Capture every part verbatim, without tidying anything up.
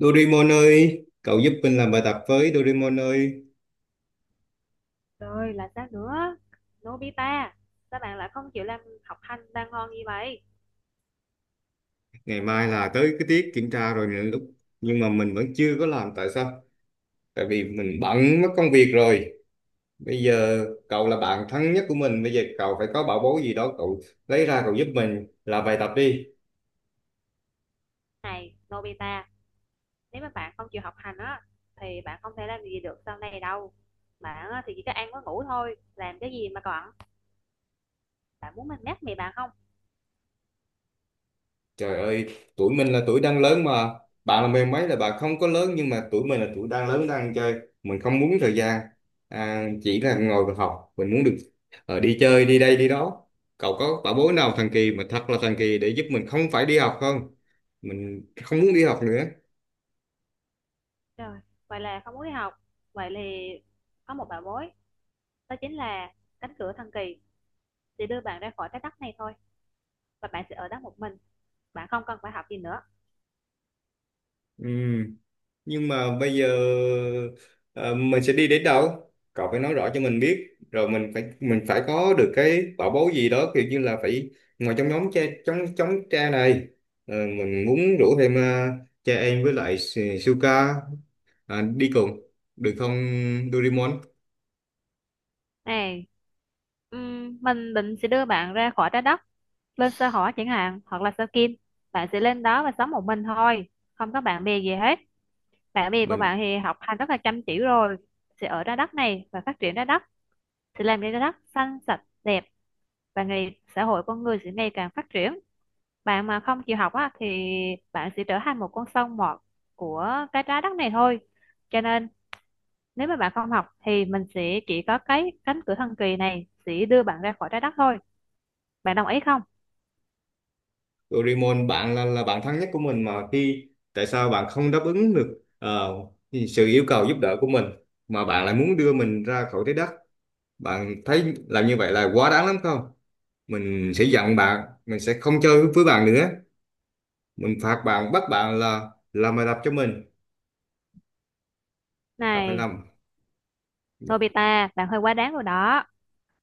Doraemon ơi, cậu giúp mình làm bài tập với Doraemon ơi. Rồi là sao nữa. Nobita, các bạn lại không chịu làm, học hành đang ngon như vậy. Ngày mai là tới cái tiết kiểm tra rồi nè lúc nhưng mà mình vẫn chưa có làm tại sao? Tại vì mình bận mất công việc rồi. Bây giờ cậu là bạn thân nhất của mình, bây giờ cậu phải có bảo bối gì đó cậu lấy ra cậu giúp mình làm bài tập đi. Này Nobita, nếu mà bạn không chịu học hành á thì bạn không thể làm gì được sau này đâu. Bạn á, thì chỉ có ăn có ngủ thôi, làm cái gì mà còn. Bạn muốn mình mát mẹ bạn không? Trời ơi, tuổi mình là tuổi đang lớn mà. Bạn là mười mấy là bạn không có lớn nhưng mà tuổi mình là tuổi đang lớn đang chơi. Mình không muốn thời gian à, chỉ là ngồi và học. Mình muốn được ờ, đi chơi, đi đây, đi đó. Cậu có bảo bối nào thần kỳ mà thật là thần kỳ để giúp mình không phải đi học không? Mình không muốn đi học nữa. Trời, vậy là không muốn đi học. Vậy thì có một bảo bối. Đó chính là cánh cửa thần kỳ, sẽ đưa bạn ra khỏi cái đất này thôi, và bạn sẽ ở đó một mình. Bạn không cần phải học gì nữa. Ừ. Nhưng mà bây giờ ờ, mình sẽ đi đến đâu cậu phải nói rõ cho mình biết rồi mình phải mình phải có được cái bảo bối gì đó kiểu như là phải ngồi trong nhóm cha trong trong cha này, ờ, mình muốn rủ thêm ờ, cha em với lại Su- Suka à, đi cùng được không Doraemon Này, ừm, mình định sẽ đưa bạn ra khỏi trái đất, lên sao hỏa chẳng hạn hoặc là sao kim. Bạn sẽ lên đó và sống một mình thôi, không có bạn bè gì hết. Bạn bè của mình bạn thì học hành rất là chăm chỉ rồi, sẽ ở trái đất này và phát triển trái đất, sẽ làm cho trái đất xanh sạch đẹp, và ngày xã hội con người sẽ ngày càng phát triển. Bạn mà không chịu học á, thì bạn sẽ trở thành một con sâu mọt của cái trái đất này thôi. Cho nên nếu mà bạn không học thì mình sẽ chỉ có cái cánh cửa thần kỳ này sẽ đưa bạn ra khỏi trái đất thôi. Bạn đồng ý không? Doraemon bạn là là bạn thân nhất của mình mà khi tại sao bạn không đáp ứng được ờ, sự yêu cầu giúp đỡ của mình mà bạn lại muốn đưa mình ra khỏi thế đất. Bạn thấy làm như vậy là quá đáng lắm không? Mình sẽ giận bạn, mình sẽ không chơi với bạn nữa. Mình phạt bạn, bắt bạn là làm bài tập cho mình. Bạn phải Này, làm. Nobita, bạn hơi quá đáng rồi đó.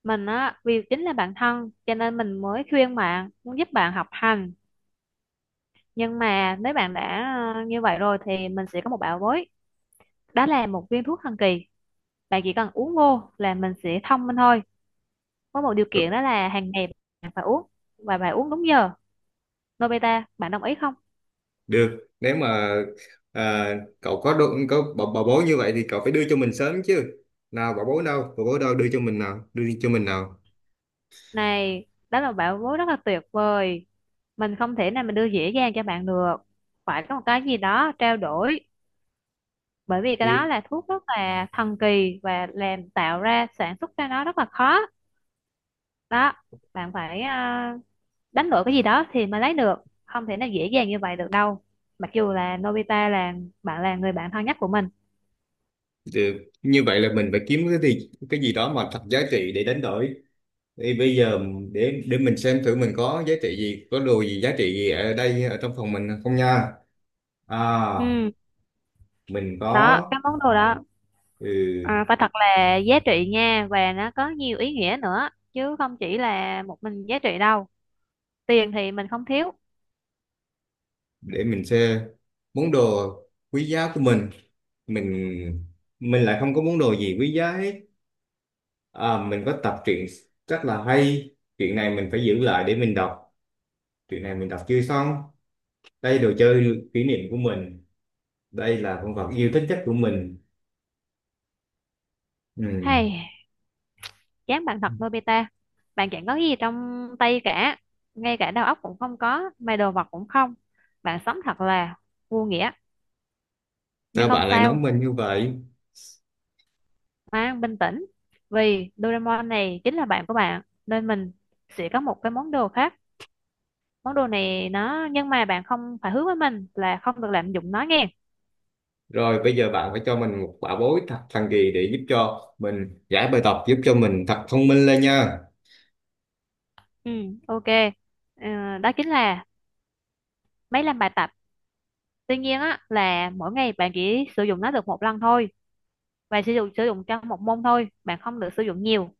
Mình á, vì chính là bạn thân cho nên mình mới khuyên bạn, muốn giúp bạn học hành. Nhưng mà nếu bạn đã ờ, như vậy rồi thì mình sẽ có một bảo bối. Đó là một viên thuốc thần kỳ. Bạn chỉ cần uống vô là mình sẽ thông minh thôi. Có một điều kiện Rồi, đó là hàng ngày bạn phải uống và bạn uống đúng giờ. Nobita, bạn đồng ý không? được, nếu mà à, cậu có đồ, có bảo, bảo bối như vậy thì cậu phải đưa cho mình sớm chứ. Nào bảo bối đâu, bảo bối đâu đưa cho mình nào, đưa cho mình nào. Này đó là bảo bối rất là tuyệt vời, mình không thể nào mình đưa dễ dàng cho bạn được, phải có một cái gì đó trao đổi. Bởi vì cái đó Thì, là thuốc rất là thần kỳ và làm tạo ra sản xuất ra nó rất là khó đó. Bạn phải ờ, đánh đổi cái gì đó thì mới lấy được, không thể nào dễ dàng như vậy được đâu, mặc dù là Nobita là bạn là người bạn thân nhất của mình. được, như vậy là mình phải kiếm cái gì, cái gì đó mà thật giá trị để đánh đổi. Thì bây giờ để để mình xem thử mình có giá trị gì, có đồ gì giá trị gì ở đây ở trong phòng mình không nha. À, Ừ, mình có đó cái món đồ đó ừ, à, phải thật là giá trị nha, và nó có nhiều ý nghĩa nữa chứ không chỉ là một mình giá trị đâu. Tiền thì mình không thiếu. để mình xem món đồ quý giá của mình. Mình mình lại không có món đồ gì quý giá hết. À, mình có tập truyện rất là hay. Chuyện này mình phải giữ lại để mình đọc. Chuyện này mình đọc chưa xong. Đây đồ chơi kỷ niệm của mình. Đây là con vật yêu thích nhất của mình. Ừ. Hay, chán bạn thật Nobita. Bạn chẳng có gì trong tay cả, ngay cả đầu óc cũng không có mà đồ vật cũng không. Bạn sống thật là vô nghĩa. Nhưng Sao không bạn lại nói sao, mình như vậy? mang bình tĩnh. Vì Doraemon này chính là bạn của bạn nên mình sẽ có một cái món đồ khác. Món đồ này nó, nhưng mà bạn không phải hứa với mình là không được lạm dụng nó nghe. Rồi bây giờ bạn phải cho mình một bảo bối thật thần kỳ để giúp cho mình giải bài tập, giúp cho mình thật thông minh lên nha. Ừ, ok. Ờ, đó chính là máy làm bài tập. Tuy nhiên á là mỗi ngày bạn chỉ sử dụng nó được một lần thôi, và sử dụng sử dụng cho một môn thôi, bạn không được sử dụng nhiều.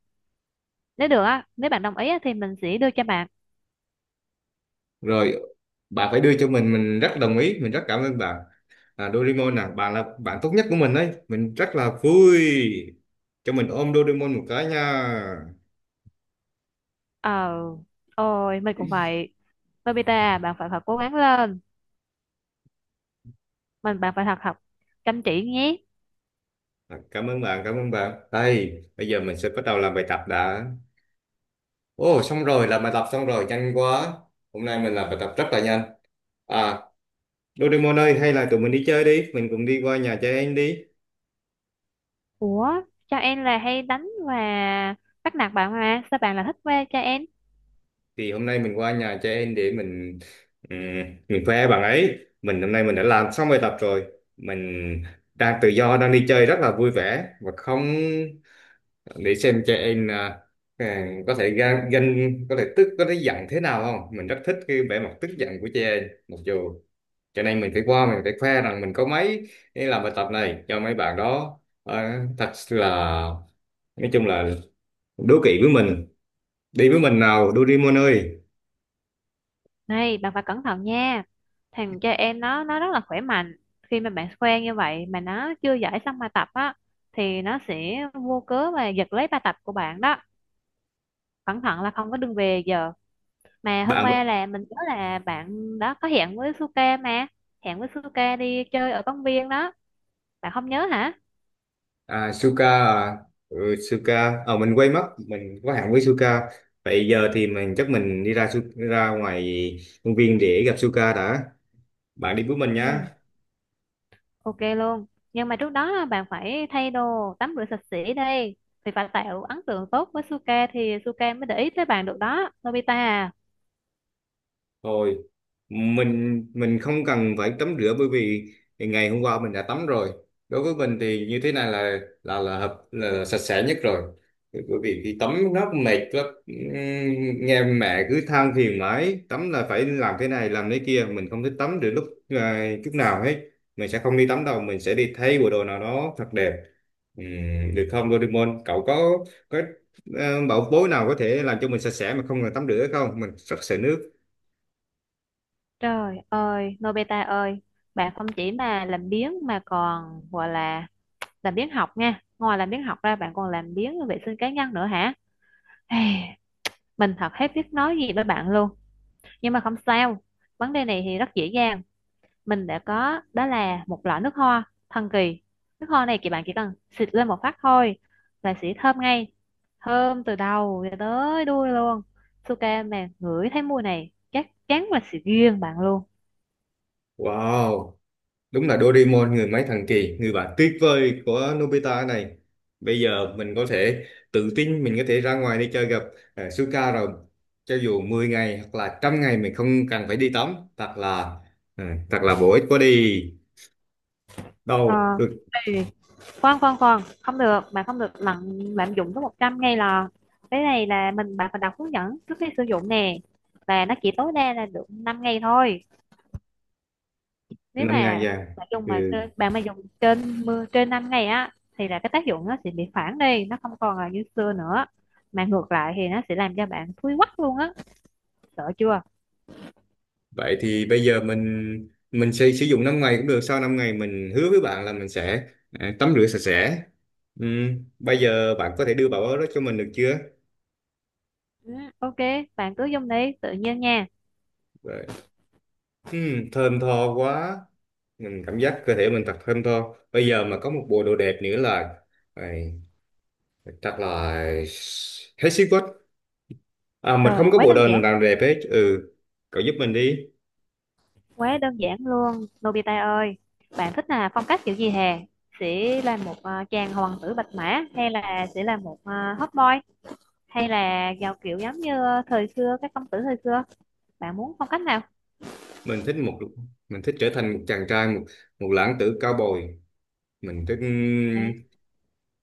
Nếu được á, nếu bạn đồng ý á, thì mình sẽ đưa cho bạn. Rồi bà phải đưa cho mình mình rất đồng ý, mình rất cảm ơn bà. À, Doraemon à, bà là bạn tốt nhất của mình đấy, mình rất là vui. Cho mình ôm Doraemon một cái nha. Ờ, ôi mình cũng vậy. Nobita à, bạn phải thật cố gắng lên. Mình bạn phải thật học chăm chỉ nhé. À, cảm ơn bạn cảm ơn bạn, đây bây giờ mình sẽ bắt đầu làm bài tập đã. Ồ xong rồi, làm bài tập xong rồi nhanh quá. Hôm nay mình làm bài tập rất là nhanh. À, Doraemon ơi hay là tụi mình đi chơi đi, mình cùng đi qua nhà trẻ em đi. Ủa, cho em là hay đánh và bắt nạt bạn mà sao bạn lại thích quê cho em. Thì hôm nay mình qua nhà trẻ em để mình ừm, mình khoe bạn ấy, mình hôm nay mình đã làm xong bài tập rồi. Mình đang tự do đang đi chơi rất là vui vẻ và không, để xem trẻ em à, à, có thể gan, gan có thể tức có thể giận thế nào không, mình rất thích cái vẻ mặt tức giận của trẻ em mặc dù, cho nên mình phải qua mình phải khoe rằng mình có mấy cái làm bài tập này cho mấy bạn đó. À, thật là, nói chung là đố kỵ với mình. Đi với mình nào Doraemon ơi Này, bạn phải cẩn thận nha. Thằng cho em nó nó rất là khỏe mạnh. Khi mà bạn quen như vậy mà nó chưa giải xong bài tập á, thì nó sẽ vô cớ và giật lấy bài tập của bạn đó. Cẩn thận là không có đường về giờ. Mà hôm bạn. qua là mình nhớ là bạn đó có hẹn với Suka mà, hẹn với Suka đi chơi ở công viên đó. Bạn không nhớ hả? À, Suka à, ừ, Suka ờ mình quên mất mình có hẹn với Suka. Vậy giờ thì mình chắc mình đi ra Su- ra ngoài công viên để gặp Suka đã. Bạn đi với mình nhé. Ừ, ok luôn. Nhưng mà trước đó bạn phải thay đồ tắm rửa sạch sẽ đi, thì phải tạo ấn tượng tốt với Suka thì Suka mới để ý tới bạn được đó Nobita à. Thôi, mình mình không cần phải tắm rửa bởi vì ngày hôm qua mình đã tắm rồi. Đối với mình thì như thế này là là là hợp là, là sạch sẽ nhất rồi. Bởi vì khi tắm rất mệt lắm. Ừm, Nghe mẹ cứ than phiền mãi, tắm là phải làm thế này làm thế kia, mình không thích tắm được lúc à, chút nào hết. Mình sẽ không đi tắm đâu, mình sẽ đi thay bộ đồ nào đó thật đẹp. Ừm, được không Doraemon? Cậu có có ờ, bảo bối nào có thể làm cho mình sạch sẽ mà không cần tắm rửa không? Mình rất sợ nước. Trời ơi Nobita ơi, bạn không chỉ mà làm biếng mà còn gọi là làm biếng học nha. Ngoài làm biếng học ra bạn còn làm biếng vệ sinh cá nhân nữa hả? Ê, mình thật hết biết nói gì với bạn luôn. Nhưng mà không sao, vấn đề này thì rất dễ dàng. Mình đã có, đó là một loại nước hoa thần kỳ. Nước hoa này thì bạn chỉ cần xịt lên một phát thôi là sẽ thơm ngay, thơm từ đầu cho tới đuôi luôn. Suka mà ngửi thấy mùi này chắc chắn là sẽ ghiền bạn luôn. Wow, đúng là Doraemon người máy thần kỳ, người bạn tuyệt vời của Nobita này. Bây giờ mình có thể tự tin, mình có thể ra ngoài đi chơi gặp uh, Suka rồi. Cho dù mười ngày hoặc là trăm ngày mình không cần phải đi tắm, thật là ờ, thật là bổ ích quá đi. Ờ, Đâu, được ê, khoan khoan khoan, không được, bạn không được lạm lạm dụng tới một trăm ngay là. Cái này là mình, bạn phải đọc hướng dẫn trước khi sử dụng nè, và nó chỉ tối đa là được năm ngày thôi. Nếu năm ngày mà vàng. bạn dùng mà Ừ. trên, bạn mà dùng trên mưa trên năm ngày á, thì là cái tác dụng nó sẽ bị phản đi, nó không còn là như xưa nữa, mà ngược lại thì nó sẽ làm cho bạn thui quắc luôn á. Sợ chưa? Vậy thì bây giờ mình mình sẽ sử dụng năm ngày cũng được, sau năm ngày mình hứa với bạn là mình sẽ ờ, tắm rửa sạch sẽ. Ừ. Bây giờ bạn có thể đưa bảo đó cho mình được chưa? Ừ, ok, bạn cứ dùng đi tự nhiên nha. Ừ, thơm tho quá, mình cảm giác cơ thể mình thật thơm tho, bây giờ mà có một bộ đồ đẹp nữa là ấy, chắc là hết sức quá. À, mình không Trời, có quá bộ đơn đồ giản. nào đẹp hết. Ừ, cậu giúp mình đi. Quá đơn giản luôn Nobita ơi. Bạn thích là phong cách kiểu gì hè? Sẽ là một ờ, chàng hoàng tử bạch mã, hay là sẽ là một ờ, hot boy, hay là giàu kiểu giống như thời xưa, các công tử thời xưa. Bạn muốn phong cách nào? Mình thích một, mình thích trở thành một chàng trai, một, một lãng tử cao bồi. Mình thích ừ, À,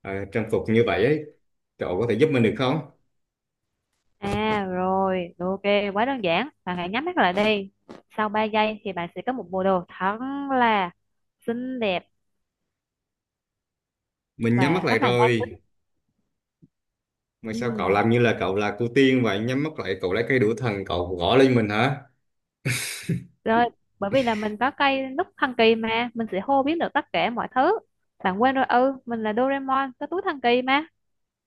à, trang phục như vậy ấy, cậu có thể giúp mình được không? à rồi, ok, quá đơn giản. Bạn hãy nhắm mắt lại đi. Sau ba giây thì bạn sẽ có một bộ đồ thật là xinh đẹp Mình nhắm và mắt lại rất là nam tính. rồi. Mà sao Ừ, cậu làm như là cậu là cô tiên vậy, nhắm mắt lại cậu lấy cây đũa thần cậu gõ lên mình hả? rồi, bởi vì là mình có cây nút thần kỳ mà, mình sẽ hô biến được tất cả mọi thứ. Bạn quên rồi, ừ, mình là Doraemon, có túi thần kỳ mà.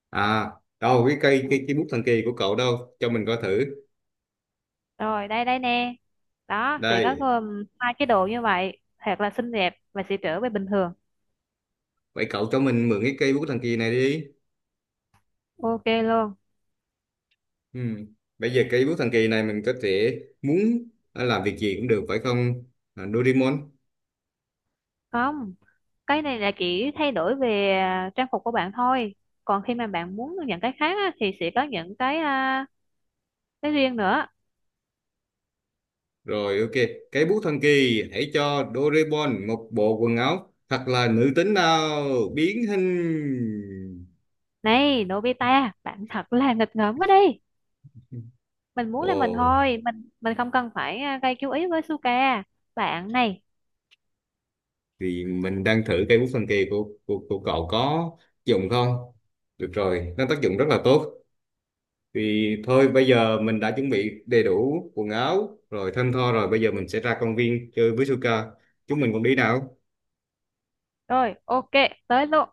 À, đâu cái cây cái, cái bút thần kỳ của cậu đâu? Cho mình coi thử. Rồi, đây đây nè. Đó, sẽ có Đây, gồm hai cái đồ như vậy, thật là xinh đẹp và sẽ trở về bình thường. vậy cậu cho mình mượn cái cây bút thần kỳ này đi. Ok luôn. Ừ. Bây giờ cây bút thần kỳ này mình có thể muốn ờ, làm việc gì cũng được phải không? À, Doraemon. Không, cái này là chỉ thay đổi về à, trang phục của bạn thôi, còn khi mà bạn muốn những cái khác á, thì sẽ có những cái à, cái riêng nữa. Rồi ok, cây bút thần kỳ hãy cho Doraemon một bộ quần áo thật là nữ tính nào, biến hình. Này Nobita, bạn thật là nghịch ngợm quá đi. Mình muốn là mình Ồ, thôi, mình mình không cần phải à, gây chú ý với Suka. Bạn này, thì mình đang thử cây bút thần kỳ của của, của cậu có tác dụng không? Được rồi, nó tác dụng rất là tốt. Thì thôi bây giờ mình đã chuẩn bị đầy đủ quần áo rồi thơm tho rồi, bây giờ mình sẽ ra công viên chơi với Suka. Chúng mình cùng đi nào. rồi ok, tới luôn.